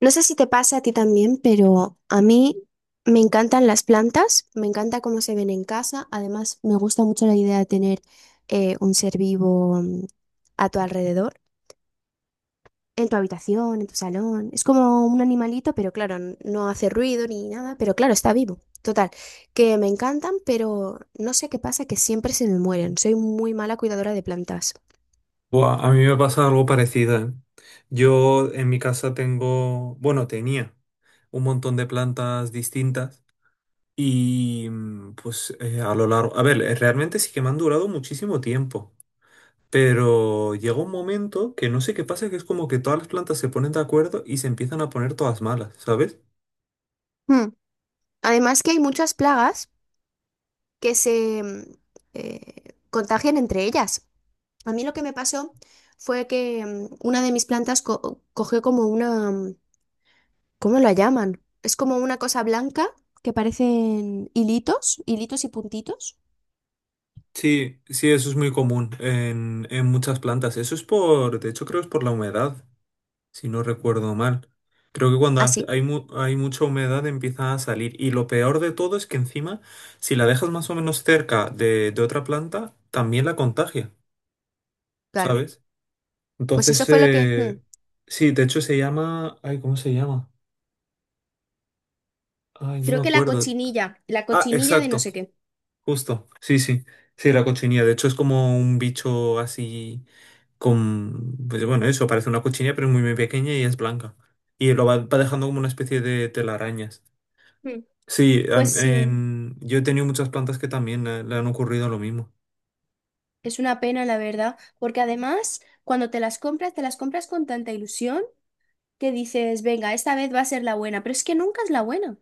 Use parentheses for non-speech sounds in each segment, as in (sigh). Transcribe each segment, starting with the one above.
No sé si te pasa a ti también, pero a mí me encantan las plantas, me encanta cómo se ven en casa. Además, me gusta mucho la idea de tener un ser vivo a tu alrededor, en tu habitación, en tu salón. Es como un animalito, pero claro, no hace ruido ni nada, pero claro, está vivo. Total, que me encantan, pero no sé qué pasa, que siempre se me mueren. Soy muy mala cuidadora de plantas. Buah, a mí me pasa algo parecido, ¿eh? Yo en mi casa tengo, bueno, tenía un montón de plantas distintas y a lo largo, a ver, realmente sí que me han durado muchísimo tiempo, pero llega un momento que no sé qué pasa, que es como que todas las plantas se ponen de acuerdo y se empiezan a poner todas malas, ¿sabes? Hmm. Además que hay muchas plagas que se contagian entre ellas. A mí lo que me pasó fue que una de mis plantas cogió como una, ¿cómo la llaman? Es como una cosa blanca que parecen hilitos, hilitos y puntitos. Sí, sí, eso es muy común en muchas plantas. Eso es por, de hecho creo es por la humedad. Si no recuerdo mal, creo que Así, hay, hay mucha humedad empieza a salir. Y lo peor de todo es que encima, si la dejas más o menos cerca de otra planta, también la contagia, claro. ¿sabes? Pues Entonces, eso fue lo que... sí, de hecho se llama... Ay, ¿cómo se llama? Ay, no me Creo que acuerdo. La Ah, cochinilla de no exacto, sé qué. justo. Sí, sí. Sí, la cochinilla. De hecho es como un bicho así con... Pues bueno, eso, parece una cochinilla, pero es muy, muy pequeña y es blanca. Y lo va dejando como una especie de telarañas. Mm, Sí, Pues sí, yo he tenido muchas plantas que también le han ocurrido lo mismo. es una pena, la verdad, porque además, cuando te las compras con tanta ilusión que dices, venga, esta vez va a ser la buena, pero es que nunca es la buena.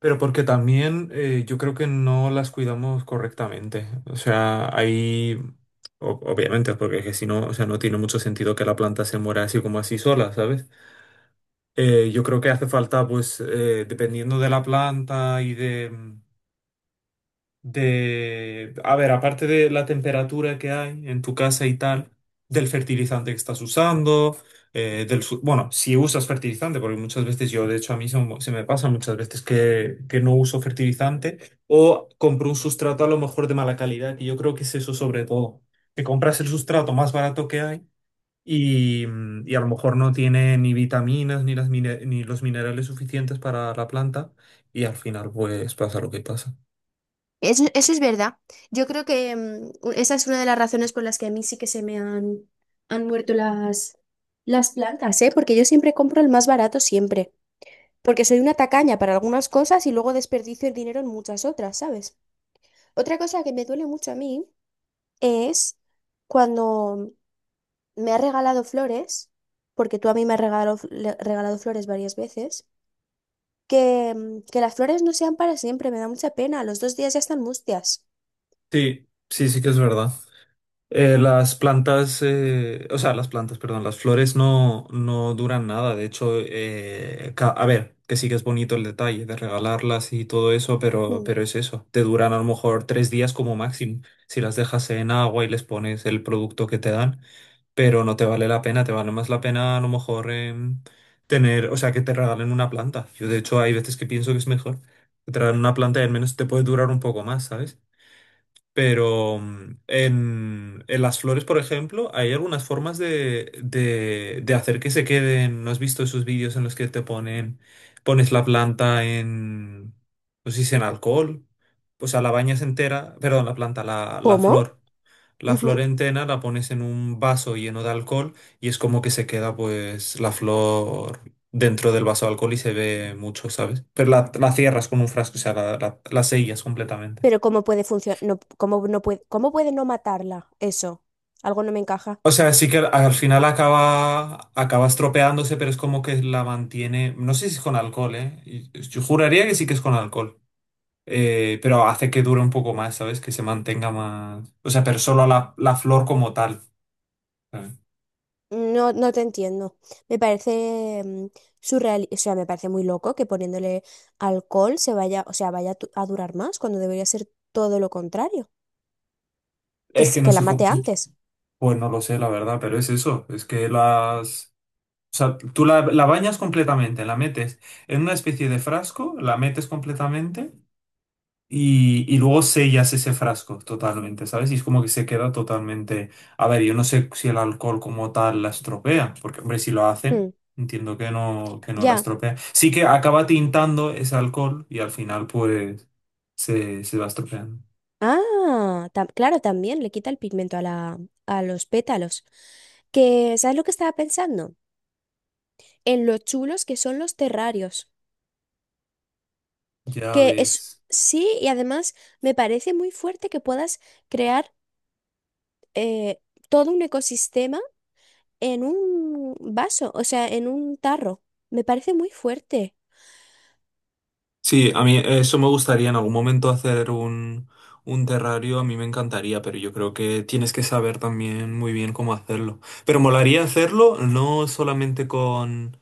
Pero porque también yo creo que no las cuidamos correctamente. O sea, hay... Obviamente, porque es que si no, o sea, no tiene mucho sentido que la planta se muera así como así sola, ¿sabes? Yo creo que hace falta, pues, dependiendo de la planta y de, a ver, aparte de la temperatura que hay en tu casa y tal, del fertilizante que estás usando, bueno, si usas fertilizante, porque muchas veces yo, de hecho, a mí se me pasa muchas veces que no uso fertilizante o compro un sustrato a lo mejor de mala calidad, y yo creo que es eso sobre todo, que compras el sustrato más barato que hay. Y, y a lo mejor no tiene ni vitaminas ni ni los minerales suficientes para la planta y al final pues pasa lo que pasa. Eso es verdad. Yo creo que esa es una de las razones por las que a mí sí que se me han, han muerto las plantas, ¿eh? Porque yo siempre compro el más barato siempre. Porque soy una tacaña para algunas cosas y luego desperdicio el dinero en muchas otras, ¿sabes? Otra cosa que me duele mucho a mí es cuando me has regalado flores, porque tú a mí me has regalado, regalado flores varias veces, que las flores no sean para siempre, me da mucha pena. A los dos días ya están mustias. Sí, sí, sí que es verdad. Las plantas, o sea, las plantas, perdón, las flores no duran nada. De hecho, a ver, que sí que es bonito el detalle de regalarlas y todo eso, Mm. pero es eso. Te duran a lo mejor tres días como máximo si las dejas en agua y les pones el producto que te dan, pero no te vale la pena. Te vale más la pena a lo mejor tener, o sea, que te regalen una planta. Yo, de hecho, hay veces que pienso que es mejor que te regalen una planta y al menos te puede durar un poco más, ¿sabes? Pero en las flores, por ejemplo, hay algunas formas de, de hacer que se queden. ¿No has visto esos vídeos en los que te ponen, pones la planta en, no sé si en alcohol, pues a la bañas entera, perdón, la planta, la ¿Cómo? flor. La flor entera la pones en un vaso lleno de alcohol y es como que se queda pues la flor dentro del vaso de alcohol y se ve mucho, ¿sabes? Pero la cierras con un frasco, o sea, la sellas completamente. Pero ¿cómo puede funcionar? No, ¿cómo no puede, cómo puede no matarla? Eso. Algo no me encaja. O sea, sí que al final acaba estropeándose, pero es como que la mantiene. No sé si es con alcohol, ¿eh? Yo juraría que sí que es con alcohol. Pero hace que dure un poco más, ¿sabes? Que se mantenga más. O sea, pero solo la flor como tal. ¿Sabes? No, no te entiendo. Me parece surreal, o sea, me parece muy loco que poniéndole alcohol se vaya, o sea, vaya a a durar más cuando debería ser todo lo contrario, que, Es que no que la sé cómo. mate antes. Pues no lo sé, la verdad, pero es eso. Es que las. O sea, tú la bañas completamente, la metes en una especie de frasco, la metes completamente. Y luego sellas ese frasco totalmente, ¿sabes? Y es como que se queda totalmente... A ver, yo no sé si el alcohol como tal la estropea, porque, hombre, si lo hace, Hmm, entiendo que no la ya. estropea. Sí que acaba tintando ese alcohol y al final, pues, se va estropeando. Ah, claro, también le quita el pigmento a la, a los pétalos. Que, ¿sabes lo que estaba pensando? En lo chulos que son los terrarios. Ya Que es, ves. sí, y además me parece muy fuerte que puedas crear eh, todo un ecosistema en un vaso, o sea, en un tarro. Me parece muy fuerte. Sí, a mí eso me gustaría en algún momento hacer un terrario, a mí me encantaría, pero yo creo que tienes que saber también muy bien cómo hacerlo. Pero molaría hacerlo no solamente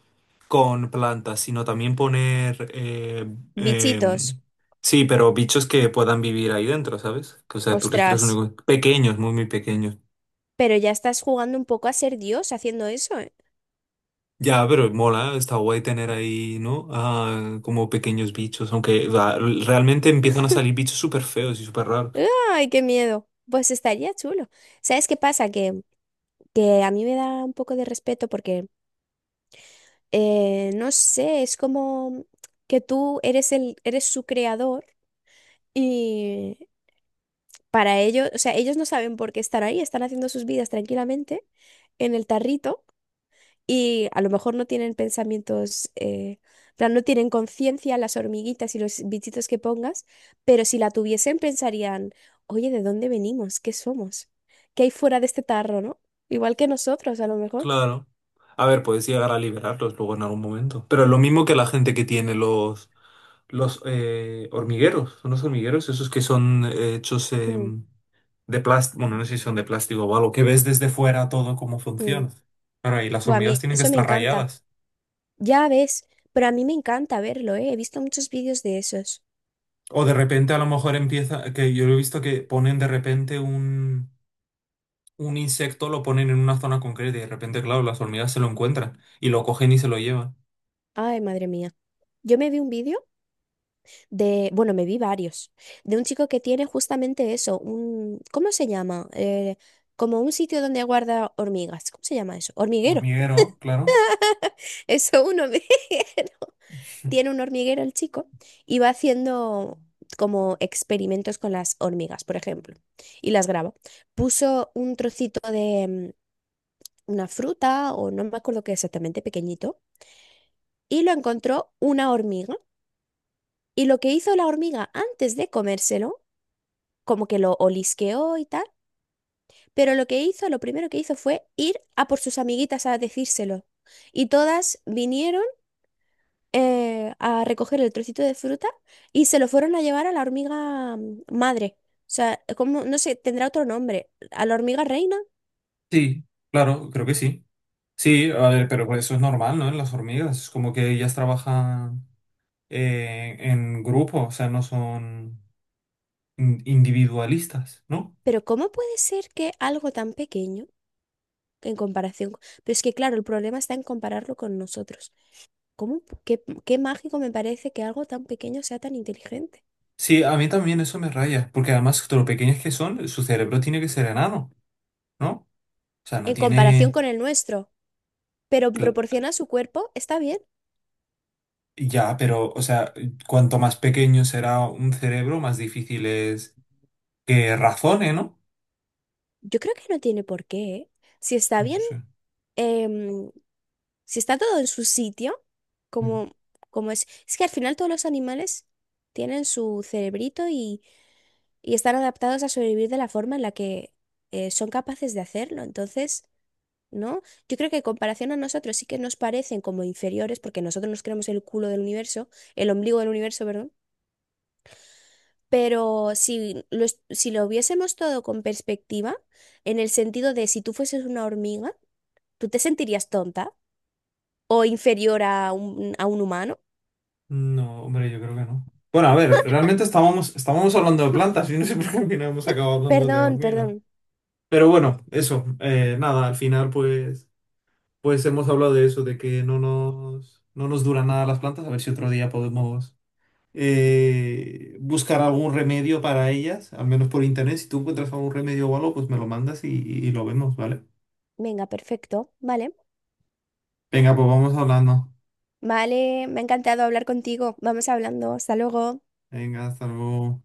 con plantas, sino también poner... Bichitos, em, sí, pero bichos que puedan vivir ahí dentro, ¿sabes? Que, o sea, tú les creas ostras, únicos pequeños, muy, muy pequeños. pero ya estás jugando un poco a ser Dios haciendo eso, ¿eh? Ya, pero mola, está guay tener ahí, ¿no? Ah, como pequeños bichos, aunque o realmente empiezan a salir bichos súper feos y súper raros. ¡Ay, qué miedo! Pues estaría chulo. ¿Sabes qué pasa? Que a mí me da un poco de respeto porque, no sé, es como que tú eres el, eres su creador. Y para ellos, o sea, ellos no saben por qué están ahí, están haciendo sus vidas tranquilamente en el tarrito y a lo mejor no tienen pensamientos, en plan, no tienen conciencia las hormiguitas y los bichitos que pongas, pero si la tuviesen pensarían, oye, ¿de dónde venimos? ¿Qué somos? ¿Qué hay fuera de este tarro, no? Igual que nosotros, a lo mejor. Claro. A ver, puedes llegar a liberarlos luego en algún momento. Pero es lo mismo que la gente que tiene los hormigueros. Son los hormigueros, esos que son hechos Mm, de plástico. Bueno, no sé si son de plástico o algo, que ves desde fuera todo cómo mm. funciona. Claro, y las Buah, a hormigas mí tienen que eso me estar encanta. rayadas. Ya ves, pero a mí me encanta verlo, ¿eh? He visto muchos vídeos de esos. O de repente a lo mejor empieza, que yo he visto que ponen de repente un insecto, lo ponen en una zona concreta y de repente, claro, las hormigas se lo encuentran y lo cogen y se lo llevan. Ay, madre mía. Yo me vi un vídeo de, bueno, me vi varios, de un chico que tiene justamente eso, un, ¿cómo se llama? Como un sitio donde guarda hormigas, ¿cómo se llama eso? Hormiguero, Hormiguero, claro. (laughs) eso, un hormiguero. (laughs) Tiene un hormiguero el chico y va haciendo como experimentos con las hormigas, por ejemplo, y las graba. Puso un trocito de una fruta o no me acuerdo qué exactamente, pequeñito, y lo encontró una hormiga. Y lo que hizo la hormiga antes de comérselo, como que lo olisqueó y tal, pero lo que hizo, lo primero que hizo fue ir a por sus amiguitas a decírselo. Y todas vinieron a recoger el trocito de fruta y se lo fueron a llevar a la hormiga madre. O sea, como, no sé, tendrá otro nombre, a la hormiga reina. Sí, claro, creo que sí. Sí, a ver, pero pues eso es normal, ¿no? En las hormigas, es como que ellas trabajan en grupo, o sea, no son individualistas, ¿no? Pero ¿cómo puede ser que algo tan pequeño en comparación? Pero es que, claro, el problema está en compararlo con nosotros. ¿Cómo, qué, qué mágico me parece que algo tan pequeño sea tan inteligente? Sí, a mí también eso me raya, porque además, de lo pequeñas que son, su cerebro tiene que ser enano, ¿no? O sea, no En comparación tiene... con el nuestro. Pero en cla- proporción a su cuerpo, está bien. Ya, pero, o sea, cuanto más pequeño será un cerebro, más difícil es que razone, ¿no? Yo creo que no tiene por qué, ¿eh? Si está No bien, sé. em, si está todo en su sitio, como, como es. Es que al final todos los animales tienen su cerebrito y están adaptados a sobrevivir de la forma en la que son capaces de hacerlo. Entonces, ¿no? Yo creo que en comparación a nosotros sí que nos parecen como inferiores, porque nosotros nos creemos el culo del universo, el ombligo del universo, perdón. Pero si lo, si lo viésemos todo con perspectiva, en el sentido de si tú fueses una hormiga, ¿tú te sentirías tonta o inferior a un humano? No, hombre, yo creo que no. Bueno, a ver, realmente estábamos hablando de plantas (laughs) y no sé por qué al final hemos acabado hablando de Perdón, hormigas. perdón. Pero bueno, eso, nada, al final pues hemos hablado de eso, de que no no nos duran nada las plantas, a ver si otro día podemos buscar algún remedio para ellas, al menos por internet. Si tú encuentras algún remedio o algo, pues me lo mandas y lo vemos, ¿vale? Venga, perfecto. Vale. Venga, pues vamos hablando. Vale, me ha encantado hablar contigo. Vamos hablando. Hasta luego. Venga, hasta luego.